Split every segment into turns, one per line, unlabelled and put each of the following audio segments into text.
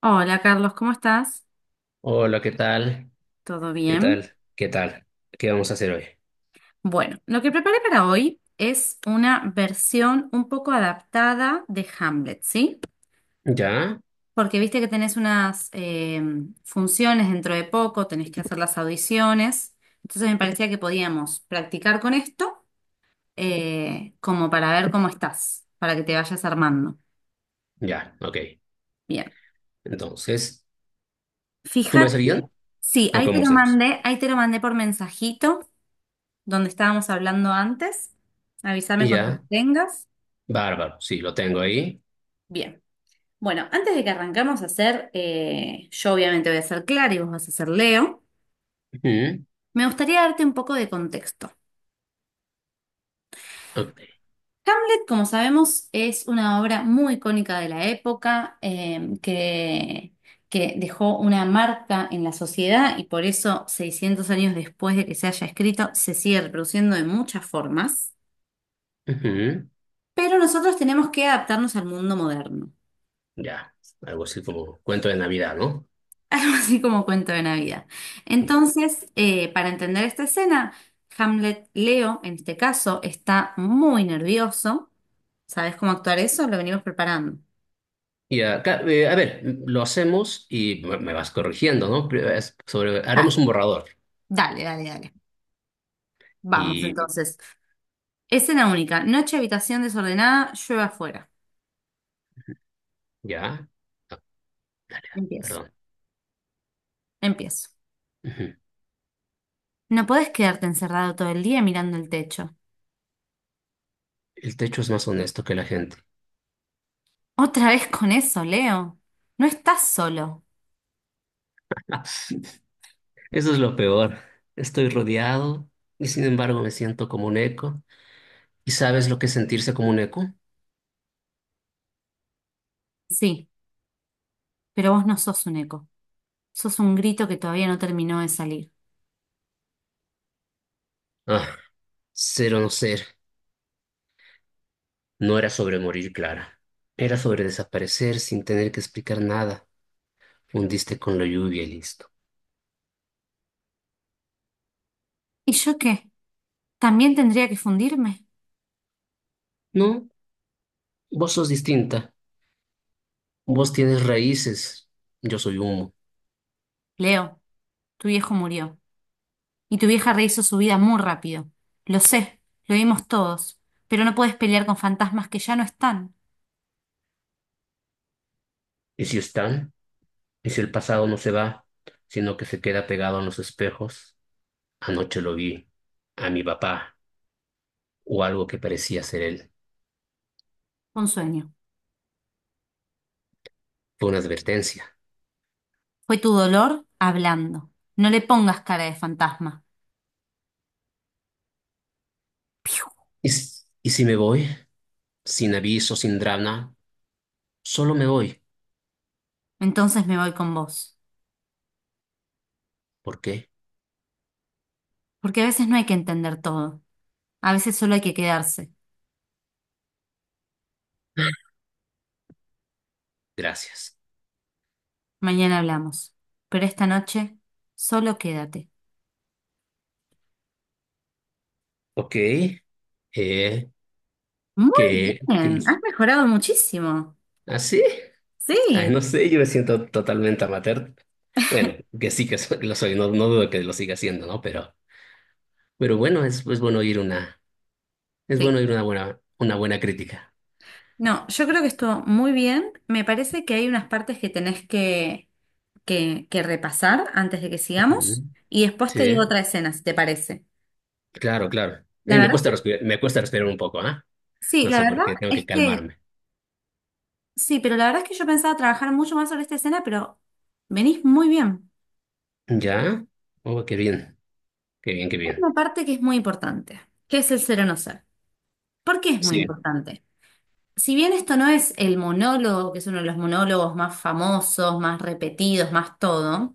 Hola Carlos, ¿cómo estás?
Hola, ¿qué tal?
¿Todo
¿Qué
bien?
tal? ¿Qué tal? ¿Qué vamos a hacer hoy?
Bueno, lo que preparé para hoy es una versión un poco adaptada de Hamlet, ¿sí?
¿Ya?
Porque viste que tenés unas funciones dentro de poco, tenés que hacer las audiciones, entonces me parecía que podíamos practicar con esto como para ver cómo estás, para que te vayas armando.
Ya, ok.
Bien,
Entonces, ¿tú me
fíjate,
seguían?
sí,
¿O
ahí te
cómo
lo
hacemos?
mandé, ahí te lo mandé por mensajito, donde estábamos hablando antes. Avísame cuando lo
Ya,
tengas.
bárbaro, sí, lo tengo ahí.
Bien. Bueno, antes de que arrancamos a hacer, yo obviamente voy a ser Clara y vos vas a ser Leo,
Ujú,
me gustaría darte un poco de contexto.
ok,
Como sabemos, es una obra muy icónica de la época, que dejó una marca en la sociedad y por eso 600 años después de que se haya escrito, se sigue reproduciendo de muchas formas.
ujú,
Pero nosotros tenemos que adaptarnos al mundo moderno.
ya, algo así como cuento de Navidad, ¿no?
Algo así como cuento de Navidad.
Ya.
Entonces, para entender esta escena, Hamlet Leo, en este caso, está muy nervioso. ¿Sabes cómo actuar eso? Lo venimos preparando.
A ver, lo hacemos y me vas corrigiendo, ¿no? Pero es sobre,
Dale,
haremos un borrador
dale, dale, dale. Vamos
y
entonces. Escena única. Noche, habitación desordenada, llueve afuera.
ya. Ah,
Empiezo,
perdón.
empiezo.
Ujú.
No podés quedarte encerrado todo el día mirando el techo.
El techo es más honesto que la gente.
Otra vez con eso, Leo. No estás solo.
Eso es lo peor. Estoy rodeado y sin embargo me siento como un eco. ¿Y sabes lo que es sentirse como un eco?
Sí, pero vos no sos un eco. Sos un grito que todavía no terminó de salir.
Ah, Ser o no ser. No era sobre morir, Clara. Era sobre desaparecer sin tener que explicar nada. Fundiste con la lluvia y listo.
¿Y yo qué? ¿También tendría que fundirme?
No, vos sos distinta. Vos tienes raíces. Yo soy humo.
Leo, tu viejo murió. Y tu vieja rehizo su vida muy rápido. Lo sé, lo vimos todos. Pero no puedes pelear con fantasmas que ya no están.
¿Y si están? ¿Y si el pasado no se va, sino que se queda pegado a los espejos? Anoche lo vi. A mi papá. O algo que parecía ser él.
Fue un sueño.
Fue una advertencia.
Fue tu dolor hablando. No le pongas cara de fantasma. Piu.
¿ Y si me voy? Sin aviso, sin drama, solo me voy.
Entonces me voy con vos.
¿Por qué?
Porque a veces no hay que entender todo. A veces solo hay que quedarse.
Gracias.
Mañana hablamos. Pero esta noche, solo quédate.
Ok. Eh,
Muy
¿Qué, qué
bien,
hice?
has mejorado muchísimo.
¿Ah, sí? Ay,
Sí.
no sé, yo me siento totalmente amateur. Bueno, que sí que lo soy, no, no dudo que lo siga siendo, ¿no? Pero bueno, es bueno es
Te
bueno oír una buena crítica.
No, yo creo que estuvo muy bien. Me parece que hay unas partes que tenés que que repasar antes de que
Ujú.
sigamos y después te digo
Sí,
otra escena, si te parece.
claro, claro.
La verdad es que,
Me cuesta respirar un poco, ¿ah?
sí,
No
la
sé por
verdad
qué, tengo que
es que,
calmarme.
sí, pero la verdad es que yo pensaba trabajar mucho más sobre esta escena, pero venís muy bien.
¿Ya? Oh, qué bien, qué bien, qué
Hay
bien.
una parte que es muy importante, que es el ser o no ser. ¿Por qué es muy
Sí,
importante? Si bien esto no es el monólogo, que es uno de los monólogos más famosos, más repetidos, más todo,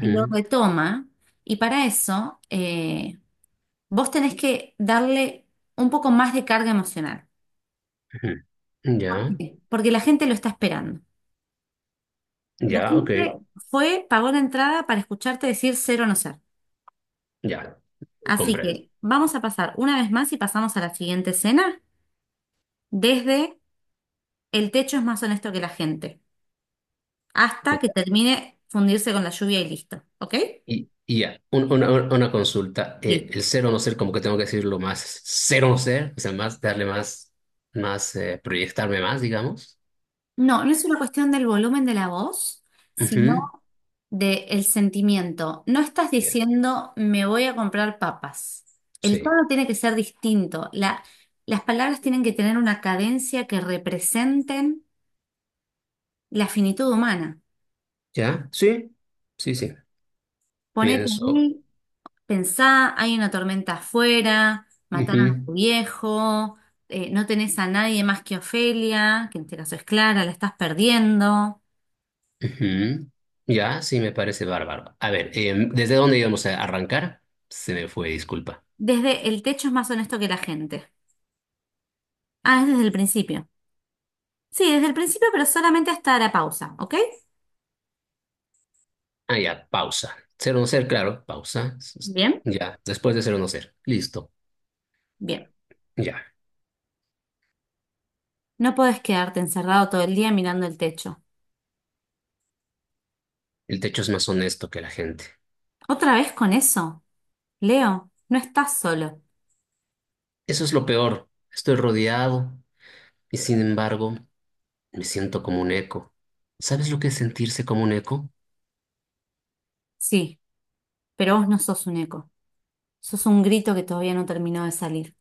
lo retoma y para eso vos tenés que darle un poco más de carga emocional.
ujú.
¿Por
Ya,
qué? Porque la gente lo está esperando. La
ya, ok,
gente fue, pagó la entrada para escucharte decir ser o no ser.
ya,
Así
comprendo.
que vamos a pasar una vez más y pasamos a la siguiente escena desde el techo es más honesto que la gente, hasta
Y,
que termine fundirse con la lluvia y listo, ¿ok?
y ya, una consulta,
Sí.
el ser o no ser, como que tengo que decirlo más, ser o no ser, o sea, más, darle más, más, proyectarme más, digamos.
No, no es una cuestión del volumen de la voz, sino
Ujú,
de el sentimiento. No estás
ya,
diciendo me voy a comprar papas. El
sí,
tono tiene que ser distinto. Las palabras tienen que tener una cadencia que representen la finitud humana.
ya, sí, sí, sí,
Ponete
pienso.
ahí, pensá, hay una tormenta afuera, mataron a tu
Ujú,
viejo, no tenés a nadie más que Ofelia, que en este caso es Clara, la estás perdiendo.
ujú, ya, sí, me parece bárbaro. A ver, ¿desde dónde íbamos a arrancar? Se me fue, disculpa.
Desde el techo es más honesto que la gente. Ah, es desde el principio. Sí, desde el principio, pero solamente hasta la pausa, ¿ok?
Ah, ya, pausa. Ser o no ser, claro, pausa.
Bien,
Ya, después de ser o no ser. Listo,
bien.
ya.
No podés quedarte encerrado todo el día mirando el techo.
El techo es más honesto que la gente.
¿Otra vez con eso? Leo, no estás solo.
Eso es lo peor. Estoy rodeado y sin embargo me siento como un eco. ¿Sabes lo que es sentirse como un eco?
Sí, pero vos no sos un eco. Sos un grito que todavía no terminó de salir.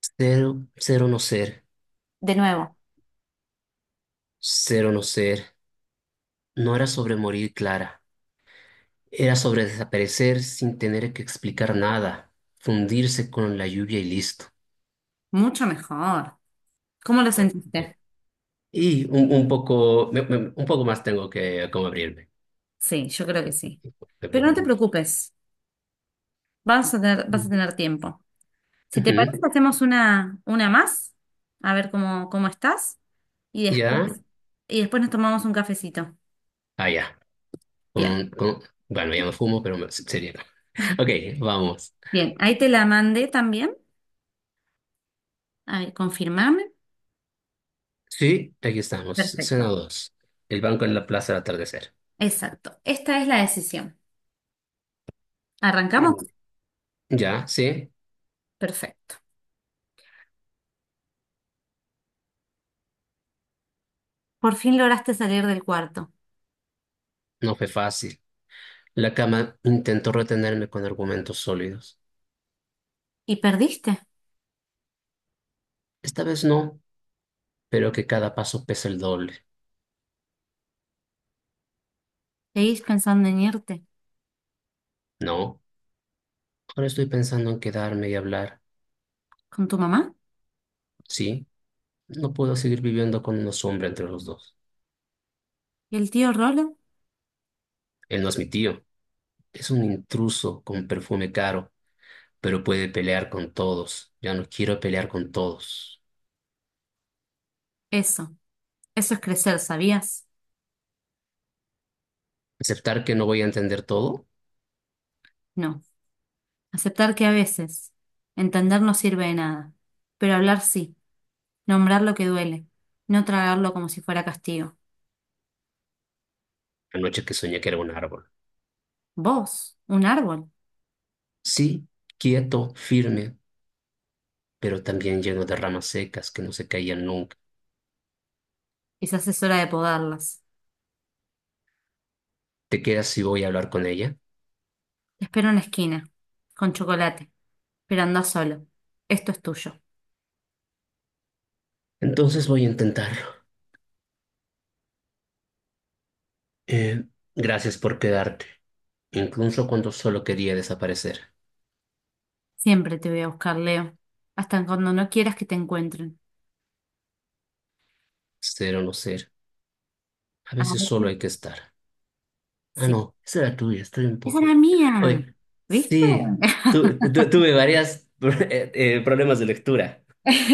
Ser, Ser o no ser,
De nuevo,
ser o no ser. No era sobre morir, Clara. Era sobre desaparecer sin tener que explicar nada. Fundirse con la lluvia y listo.
mucho mejor. ¿Cómo lo
Ah, ok.
sentiste?
Un poco, un poco más tengo que como abrirme.
Sí, yo creo que sí. Pero no te
Ujú.
preocupes, vas a tener tiempo. Si te parece, hacemos una más, a ver cómo estás, y
Ya,
después, y después nos tomamos un cafecito.
ah, ya.
Bien,
Con- con- bueno, ya no fumo, pero sería. Ok, vamos.
bien, ahí te la mandé también. A ver, confirmame.
Sí, aquí estamos. Escena
Perfecto.
dos. El banco en la plaza al atardecer.
Exacto. Esta es la decisión. ¿Arrancamos?
Mm. Ya, sí,
Perfecto. Por fin lograste salir del cuarto.
no fue fácil. La cama intentó retenerme con argumentos sólidos.
¿Y perdiste?
Esta vez no, pero que cada paso pesa el doble.
¿Seguís pensando en irte?
No, ahora estoy pensando en quedarme y hablar.
¿Con tu mamá?
Sí, no puedo seguir viviendo con una sombra entre los dos.
¿Y el tío Rolo?
Él no es mi tío. Es un intruso con perfume caro, pero puede pelear con todos. Ya no quiero pelear con todos.
Eso. Eso es crecer, ¿sabías?
Aceptar que no voy a entender todo.
No. Aceptar que a veces entender no sirve de nada. Pero hablar sí. Nombrar lo que duele. No tragarlo como si fuera castigo.
La noche que soñé que era un árbol.
Vos, un árbol.
Sí, quieto, firme, pero también lleno de ramas secas que no se caían nunca.
Quizás es hora de podarlas.
¿Te quedas si voy a hablar con ella?
Te espero en la esquina. Con chocolate. Pero anda solo. Esto es tuyo.
Entonces voy a intentarlo. Eh, gracias por quedarte, incluso cuando solo quería desaparecer.
Siempre te voy a buscar, Leo. Hasta cuando no quieras que te encuentren.
Ser o no ser, a
A
veces solo
veces,
hay que estar. Ah,
sí.
no, esa era tuya, estoy un
Esa
poco.
era mía.
Oye,
¿Viste?
sí, tuve varias problemas de lectura.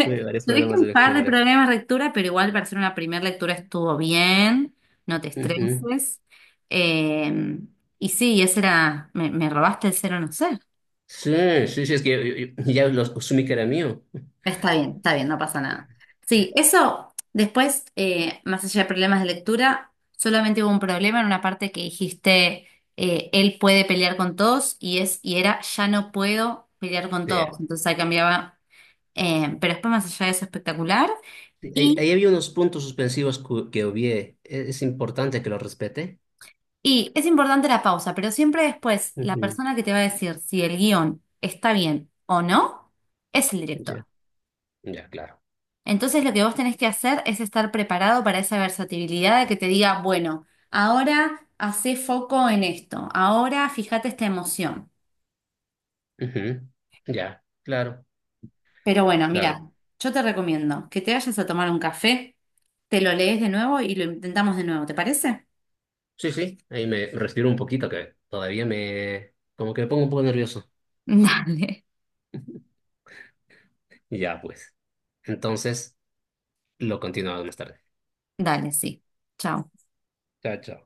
Tuve varios
Tuviste
problemas de
un par de
lectura.
problemas de lectura, pero igual para hacer una primera lectura estuvo bien. No te
Ujú.
estreses. Eh, y sí, ese era. Me robaste el 0 no sé.
Sí, sí, sí, es que ya los asumí que era mío.
Está bien, no pasa nada. Sí, eso, después, más allá de problemas de lectura, solamente hubo un problema en una parte que dijiste, él puede pelear con todos y es, y era, ya no puedo pelear con
Sí.
todos. Entonces ahí cambiaba, pero después más allá de eso, espectacular.
Sí, ahí,
Y,
ahí había unos puntos suspensivos que obvié. Es importante que los respete.
y es importante la pausa, pero siempre después, la
Ujú.
persona que te va a decir si el guión está bien o no, es el director.
Ya, ya, claro.
Entonces lo que vos tenés que hacer es estar preparado para esa versatilidad de que te diga, bueno, ahora hacé foco en esto, ahora fíjate esta emoción.
Ujú. Ya, claro,
Pero bueno,
claro.
mira, yo te recomiendo que te vayas a tomar un café, te lo lees de nuevo y lo intentamos de nuevo, ¿te parece?
Sí, sí, ahí me respiro un poquito que todavía me, como que me pongo un poco nervioso.
Dale.
Ya, pues. Entonces. Lo continuamos más tarde.
Dale, sí. Chao.
Chao, chao.